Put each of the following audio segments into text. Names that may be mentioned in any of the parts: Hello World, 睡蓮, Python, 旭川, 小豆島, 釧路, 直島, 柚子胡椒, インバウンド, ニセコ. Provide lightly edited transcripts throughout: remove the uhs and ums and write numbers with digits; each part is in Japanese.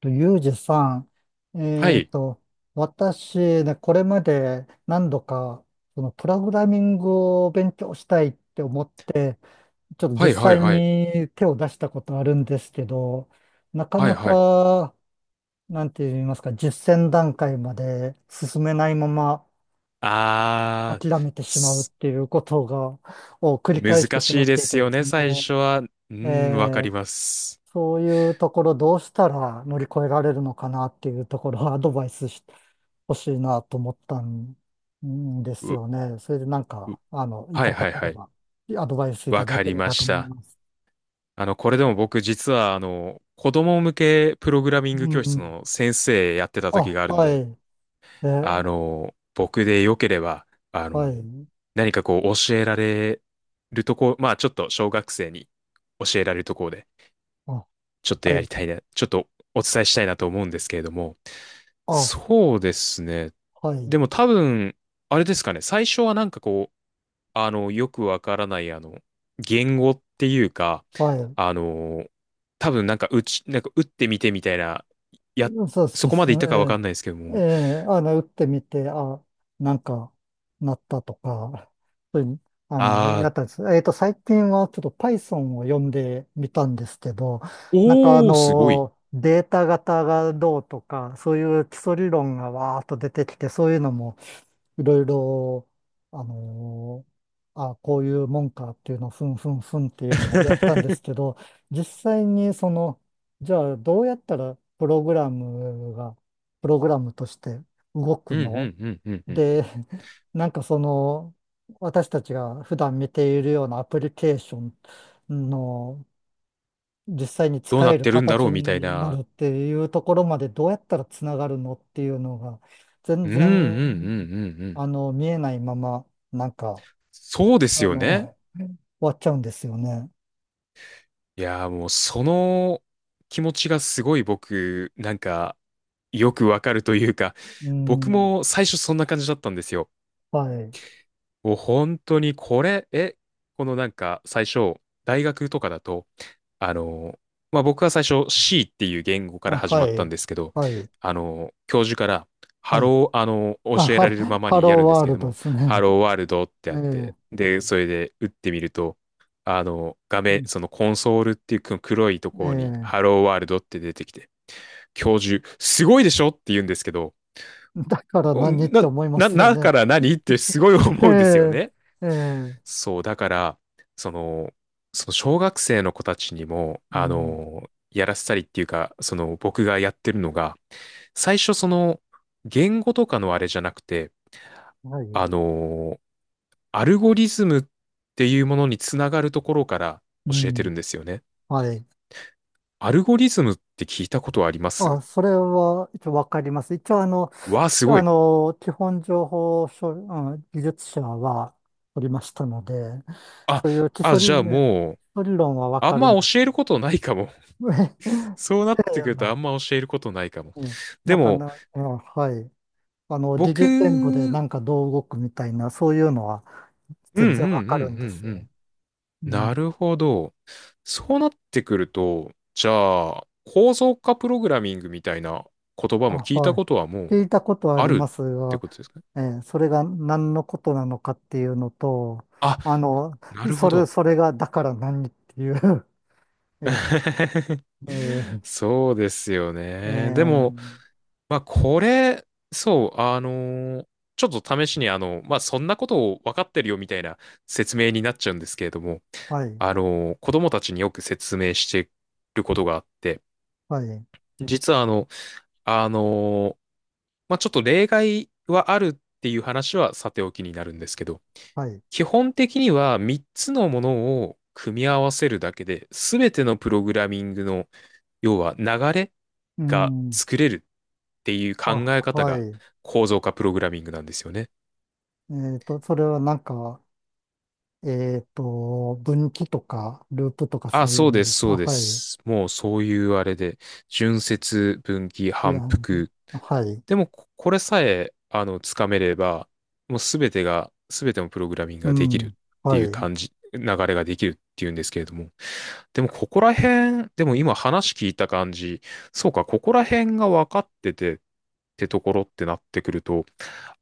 と、ユージさん、はい。私ね、これまで何度か、そのプログラミングを勉強したいって思って、ちょっとは実いはい際はい。に手を出したことあるんですけど、なかはいなはい。か、なんて言いますか、実践段階まで進めないままあー、諦めてしまうっすていうことが、を繰り返して難しましいっでていすてよですね、ね、最初は。うん、わかえります。そういうところどうしたら乗り越えられるのかなっていうところを アドバイスしてほしいなと思ったんですう、よね。それでなんう、か、いはたいだはいけれはい。ば、アドバイスいわただかけりれまばとし思いた。ます。これでも僕実は、子供向けプログラミンうグ教室ん。の先生やってた時あ、があるんはで、い。え、あの、僕でよければ、あはの、い。何かこう教えられるとこ、まあちょっと小学生に教えられるところで、あ、ちょっとはやりい。たいな、ちょっとお伝えしたいなと思うんですけれども、あ、そうですね。はでい。も多分、あれですかね、最初はなんかこう、よくわからない、言語っていうか、はい。あの、多分なんか打ち、なんか打ってみてみたいな、や、そうそそうこまでいそっう、たかわかんないですけどええ、も、打ってみて、あ、なんか、なったとか、そういう、あやったんです。最近はちょっと Python を読んでみたんですけど、ー、なんかおー、すごい。データ型がどうとか、そういう基礎理論がわーっと出てきて、そういうのもいろいろ、あのあ、こういうもんかっていうのをふんふんふんっていうのはやったんですけ ど、実際にじゃあ、どうやったらプログラムが、プログラムとして動うくんうのんうんうんうん。で、なんか私たちが普段見ているようなアプリケーションの実際にどう使なえっるてるんだろう形みたいになな。るっていうところまでどうやったらつながるのっていうのが、全うんうんうんうん然、うん。見えないまま、なんか、そうですよ終ね。わっちゃうんですよね。いやー、もうその気持ちがすごい僕なんかよくわかるというか、う僕ん、も最初そんな感じだったんですよ。はい。もう本当にこれえこのなんか最初、大学とかだと、あの、まあ、僕は最初 C っていう言語からあ、始はまったんい。ですけど、はい。あの、教授から、ハはい。ロー、あの、あ、教えられるままハにやローるんですワーけれルどドも、ですハね。ローワールドってえあっえ、て、で、それで打ってみると、あの、画う面、ん、そのコンソールっていうこの黒いところに、えハローワールドって出てきて、教授、すごいでしょって言うんですけど、え、だからお何っな、て思いまな、すよだね。から何ってすごい思うんですよえね。え、ええ、そう、だから、その、その小学生の子たちにも、うあん、の、やらせたりっていうか、その僕がやってるのが、最初その、言語とかのあれじゃなくて、はい、あの、アルゴリズムっていうものにつながるところからう教えてん、るんですよね。はい。アルゴリズムって聞いたことありまあ、す？それは一応わかります。一応わあ、きすごあい。の、基本情報処理、うん、技術者は取りましたので、あ、そういうじゃあもう、基礎理論はわあかんるまんです。教えることないかも。そうなえっえ、てくるとあんま教えることないかも。ええ、なでんかも、な、あ、はい。疑似言語で僕なんかどう動くみたいな、そういうのはうんうん全うん然わかるんうですんよ。ううん。なん。るほど。そうなってくると、じゃあ、構造化プログラミングみたいな言葉もあ、聞いたはい。ことはも聞ういたことはあありまるすってが、ことですかね？それが何のことなのかっていうのと、あ、あの、なるほど。それがだから何っていう えー えーそうですよえね。でも、ーまあ、これ、そう、あのー、ちょっと試しに、あの、まあ、そんなことを分かってるよみたいな説明になっちゃうんですけれども、はい、あのー、子供たちによく説明してることがあって、はい、実はあの、あのー、まあ、ちょっと例外はあるっていう話はさておきになるんですけど、はい。基本的には3つのものを組み合わせるだけで、すべてのプログラミングの、要は流れうがん。作れるっていう考あ、え方はがい。構造化プログラミングなんですよね。それはなんか、分岐とか、ループとかあ、そういそううのでです、すか？そうであ、はい。す。もうそういうあれで、順接、分岐、リ反アル。復、はい。でも、これさえ、あの、つかめれば、もうすべてが、すべてのプログラミングうができるっん。てはいうい。感じ、流れができるっていうんですけれども、でも、ここら辺、でも今話聞いた感じ、そうか、ここら辺が分かっててってところってなってくると、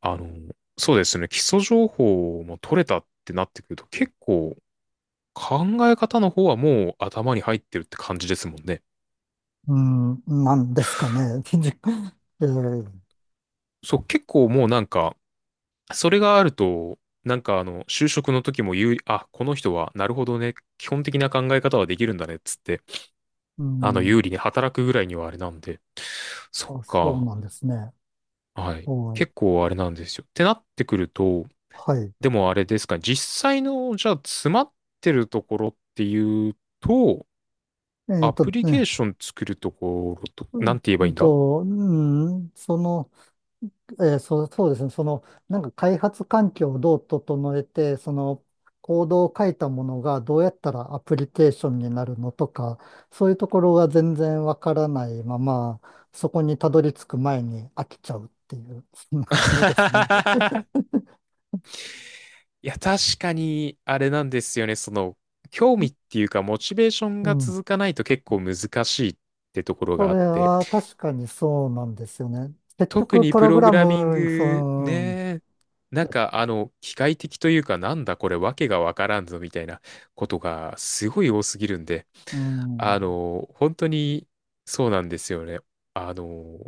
あの、そうですね、基礎情報も取れたってなってくると、結構、考え方の方はもう頭に入ってるって感じですもんね。うん。なんですかね。えー、そう、結構もうなんか、それがあると、なんかあの、就職の時も有利、あ、この人は、なるほどね、基本的な考え方はできるんだね、っつって、うあの、ん。有利に働くぐらいにはあれなんで、そっあ、そうか、なんですね。はい。はい。結構あれなんですよ。ってなってくると、はい。でもあれですか、実際の、じゃあ、詰まってるところっていうと、えアっプとリケーね。ション作るところと、うなんんて言えばういいんんだ。 と、うん、そう、そうですね。なんか開発環境をどう整えて、その、コードを書いたものがどうやったらアプリケーションになるのとか、そういうところが全然わからないまま、そこにたどり着く前に飽きちゃうっていう、そんな感じですね。いや、確かに、あれなんですよね。その、興味っ ていうか、モチベーションうがん。続かないと結構難しいってところそがあっれて、は確かにそうなんですよね。結特局、にププログログララミンム、そグ、の、ね、なんか、あの、機械的というか、なんだこれ、わけがわからんぞ、みたいなことがすごい多すぎるんで、うあん。の、本当に、そうなんですよね。あの、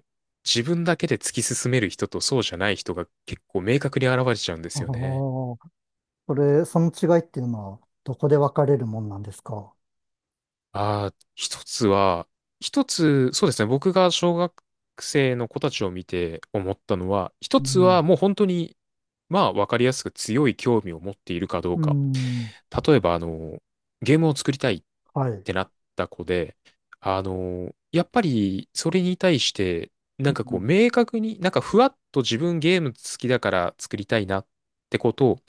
自分だけで突き進める人とそうじゃない人が結構明確に現れちゃうんであすあ、よね。これ、その違いっていうのは、どこで分かれるもんなんですか？ああ、一つ、そうですね、僕が小学生の子たちを見て思ったのは、一うつん。はもう本当に、まあ、わかりやすく強い興味を持っているかどううか。ん、例えば、あの、ゲームを作りたいっはい。てなった子で、あの、やっぱり、それに対して、なうんかこう、ん、明確に、なんかふわっと自分ゲーム好きだから作りたいなってことを、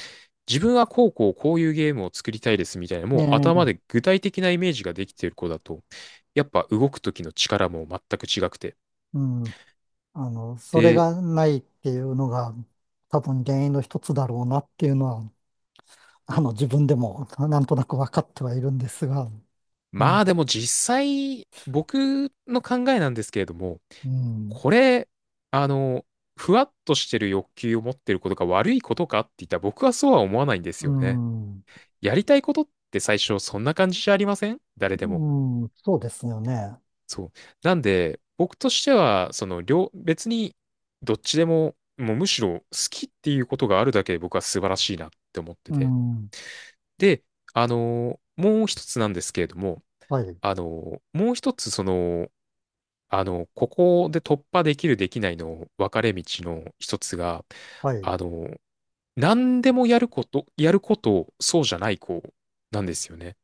自分はこうこうこういうゲームを作りたいですみたいな、えもうえ、頭で具体的なイメージができている子だと、やっぱ動く時の力も全く違くて。うん。それで、がないっていうのが多分原因の一つだろうなっていうのは、自分でもなんとなく分かってはいるんですが、うまん、あでも実際、僕の考えなんですけれども、うん、これ、あの、ふわっとしてる欲求を持ってることが悪いことかって言ったら僕はそうは思わないんですうよね。ん、やりたいことって最初そんな感じじゃありません誰でうも。ん、そうですよね。そう。なんで、僕としては、その両、別にどっちでも、もうむしろ好きっていうことがあるだけで僕は素晴らしいなって思ってうて。ん、で、あの、もう一つなんですけれども、はい、あの、もう一つその、あの、ここで突破できるできないの分かれ道の一つが、はい。あの、何でもやること、やることそうじゃない子なんですよね。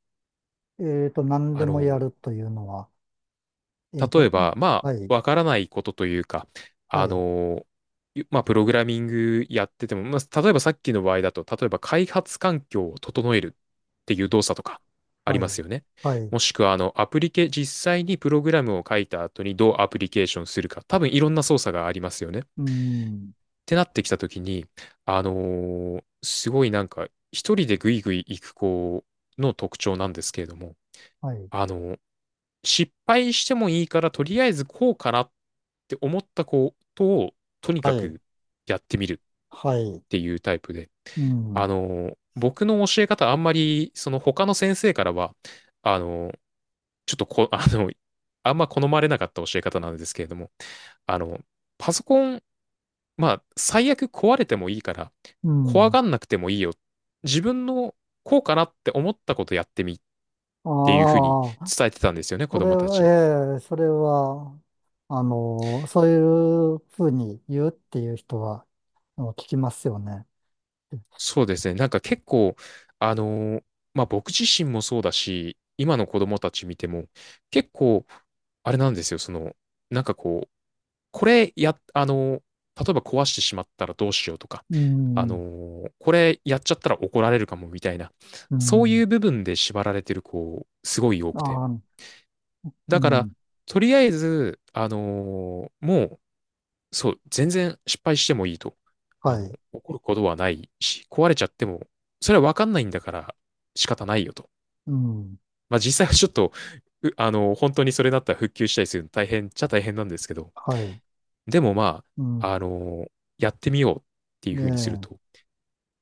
何あでもの、やるというのは、えっ例えと、ば、まはあ、い、わからないことというか、はあい、の、まあ、プログラミングやってても、まあ、例えばさっきの場合だと、例えば開発環境を整えるっていう動作とかありはますい、よね。はい、もしくは、あの、アプリケ、実際にプログラムを書いた後にどうアプリケーションするか、多分いろんな操作がありますよね。うん、てなってきたときに、あのー、すごいなんか、一人でぐいぐい行く子の特徴なんですけれども、はい、あのー、失敗してもいいから、とりあえずこうかなって思ったことを、とにはかい、くやってみるっはい、ていうタイプで、うあん、のー、僕の教え方、あんまり、その他の先生からは、あのー、ちょっとこ、あの、あんま好まれなかった教え方なんですけれども、あの、パソコン、まあ、最悪壊れてもいいから、う怖ん。がんなくてもいいよ。自分のこうかなって思ったことやってみっあていうふうにあ、伝えてたんですよね、子それ供たは、ちに。ええ、それは、そういうふうに言うっていう人は、聞きますよね。そうですね。なんか結構、あのー、まあ僕自身もそうだし、今の子供たち見ても、結構、あれなんですよ、その、なんかこう、これや、あのー、例えば壊してしまったらどうしようとか、うあのん、ー、これやっちゃったら怒られるかもみたいな、うそういん、う部分で縛られてる子、すごい多くて。ああ、うだから、ん、とりあえず、あのーもう、そう、全然失敗してもいいと。あはの、い、怒ることはないし、壊れちゃっても、それはわかんないんだから仕方ないよと。うん、まあ実際はちょっと、あの、本当にそれだったら復旧したりするの大変っちゃ大変なんですけど、はい、でもまうあ、ん、あのー、やってみようっていうねふうにすると、え、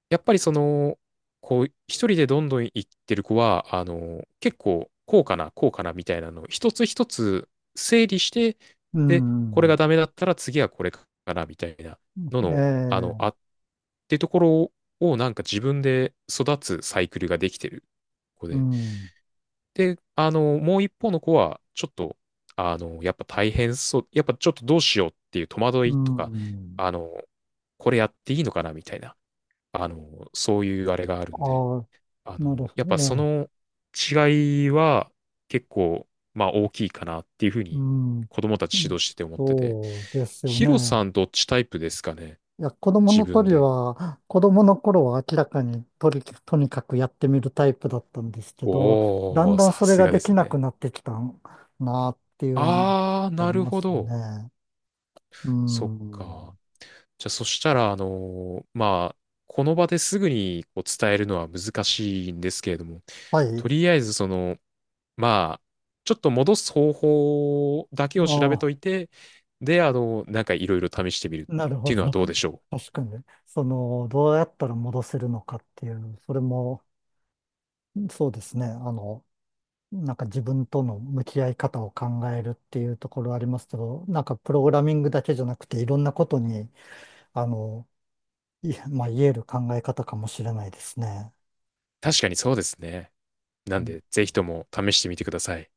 やっぱりその、こう、一人でどんどん行ってる子は、あの、結構、こうかな、こうかなみたいなのを一つ一つ整理して、うで、これがん、ダメだったら次はこれかなみたいなのえの、え、てところをなんか自分で育つサイクルができてる子うで。ん、で、あの、もう一方の子は、ちょっと、あの、やっぱ大変そう、やっぱちょっとどうしようっていう戸惑ういとか、ん、あの、これやっていいのかなみたいな、あの、そういうあれがあるんで、ああ、あなるの、ほやっど、えぱそえ、の違いは結構、まあ大きいかなっていうふううにん、子供たち指導してて思ってて。そうですよヒロね。さんどっちタイプですかね？いや、自分で。子供の頃は明らかにとにかくやってみるタイプだったんですけど、だおんー、だんさそれすががでできすなね。くなってきたなっていうのがあー、あなりるまほすど。ね。うそっか。ん。じゃあそしたら、あのー、まあ、この場ですぐにこう伝えるのは難しいんですけれども、はとい。りあえずその、まあ、ちょっと戻す方法だけを調べああ、といて、で、あの、なんかいろいろ試してみるっなるほていうのはど。どうでしょう。確かに。その、どうやったら戻せるのかっていう、それも、そうですね。なんか自分との向き合い方を考えるっていうところありますけど、なんかプログラミングだけじゃなくて、いろんなことに、あの、いや、まあ、言える考え方かもしれないですね。確かにそうですね。なうんん。で、ぜひとも試してみてください。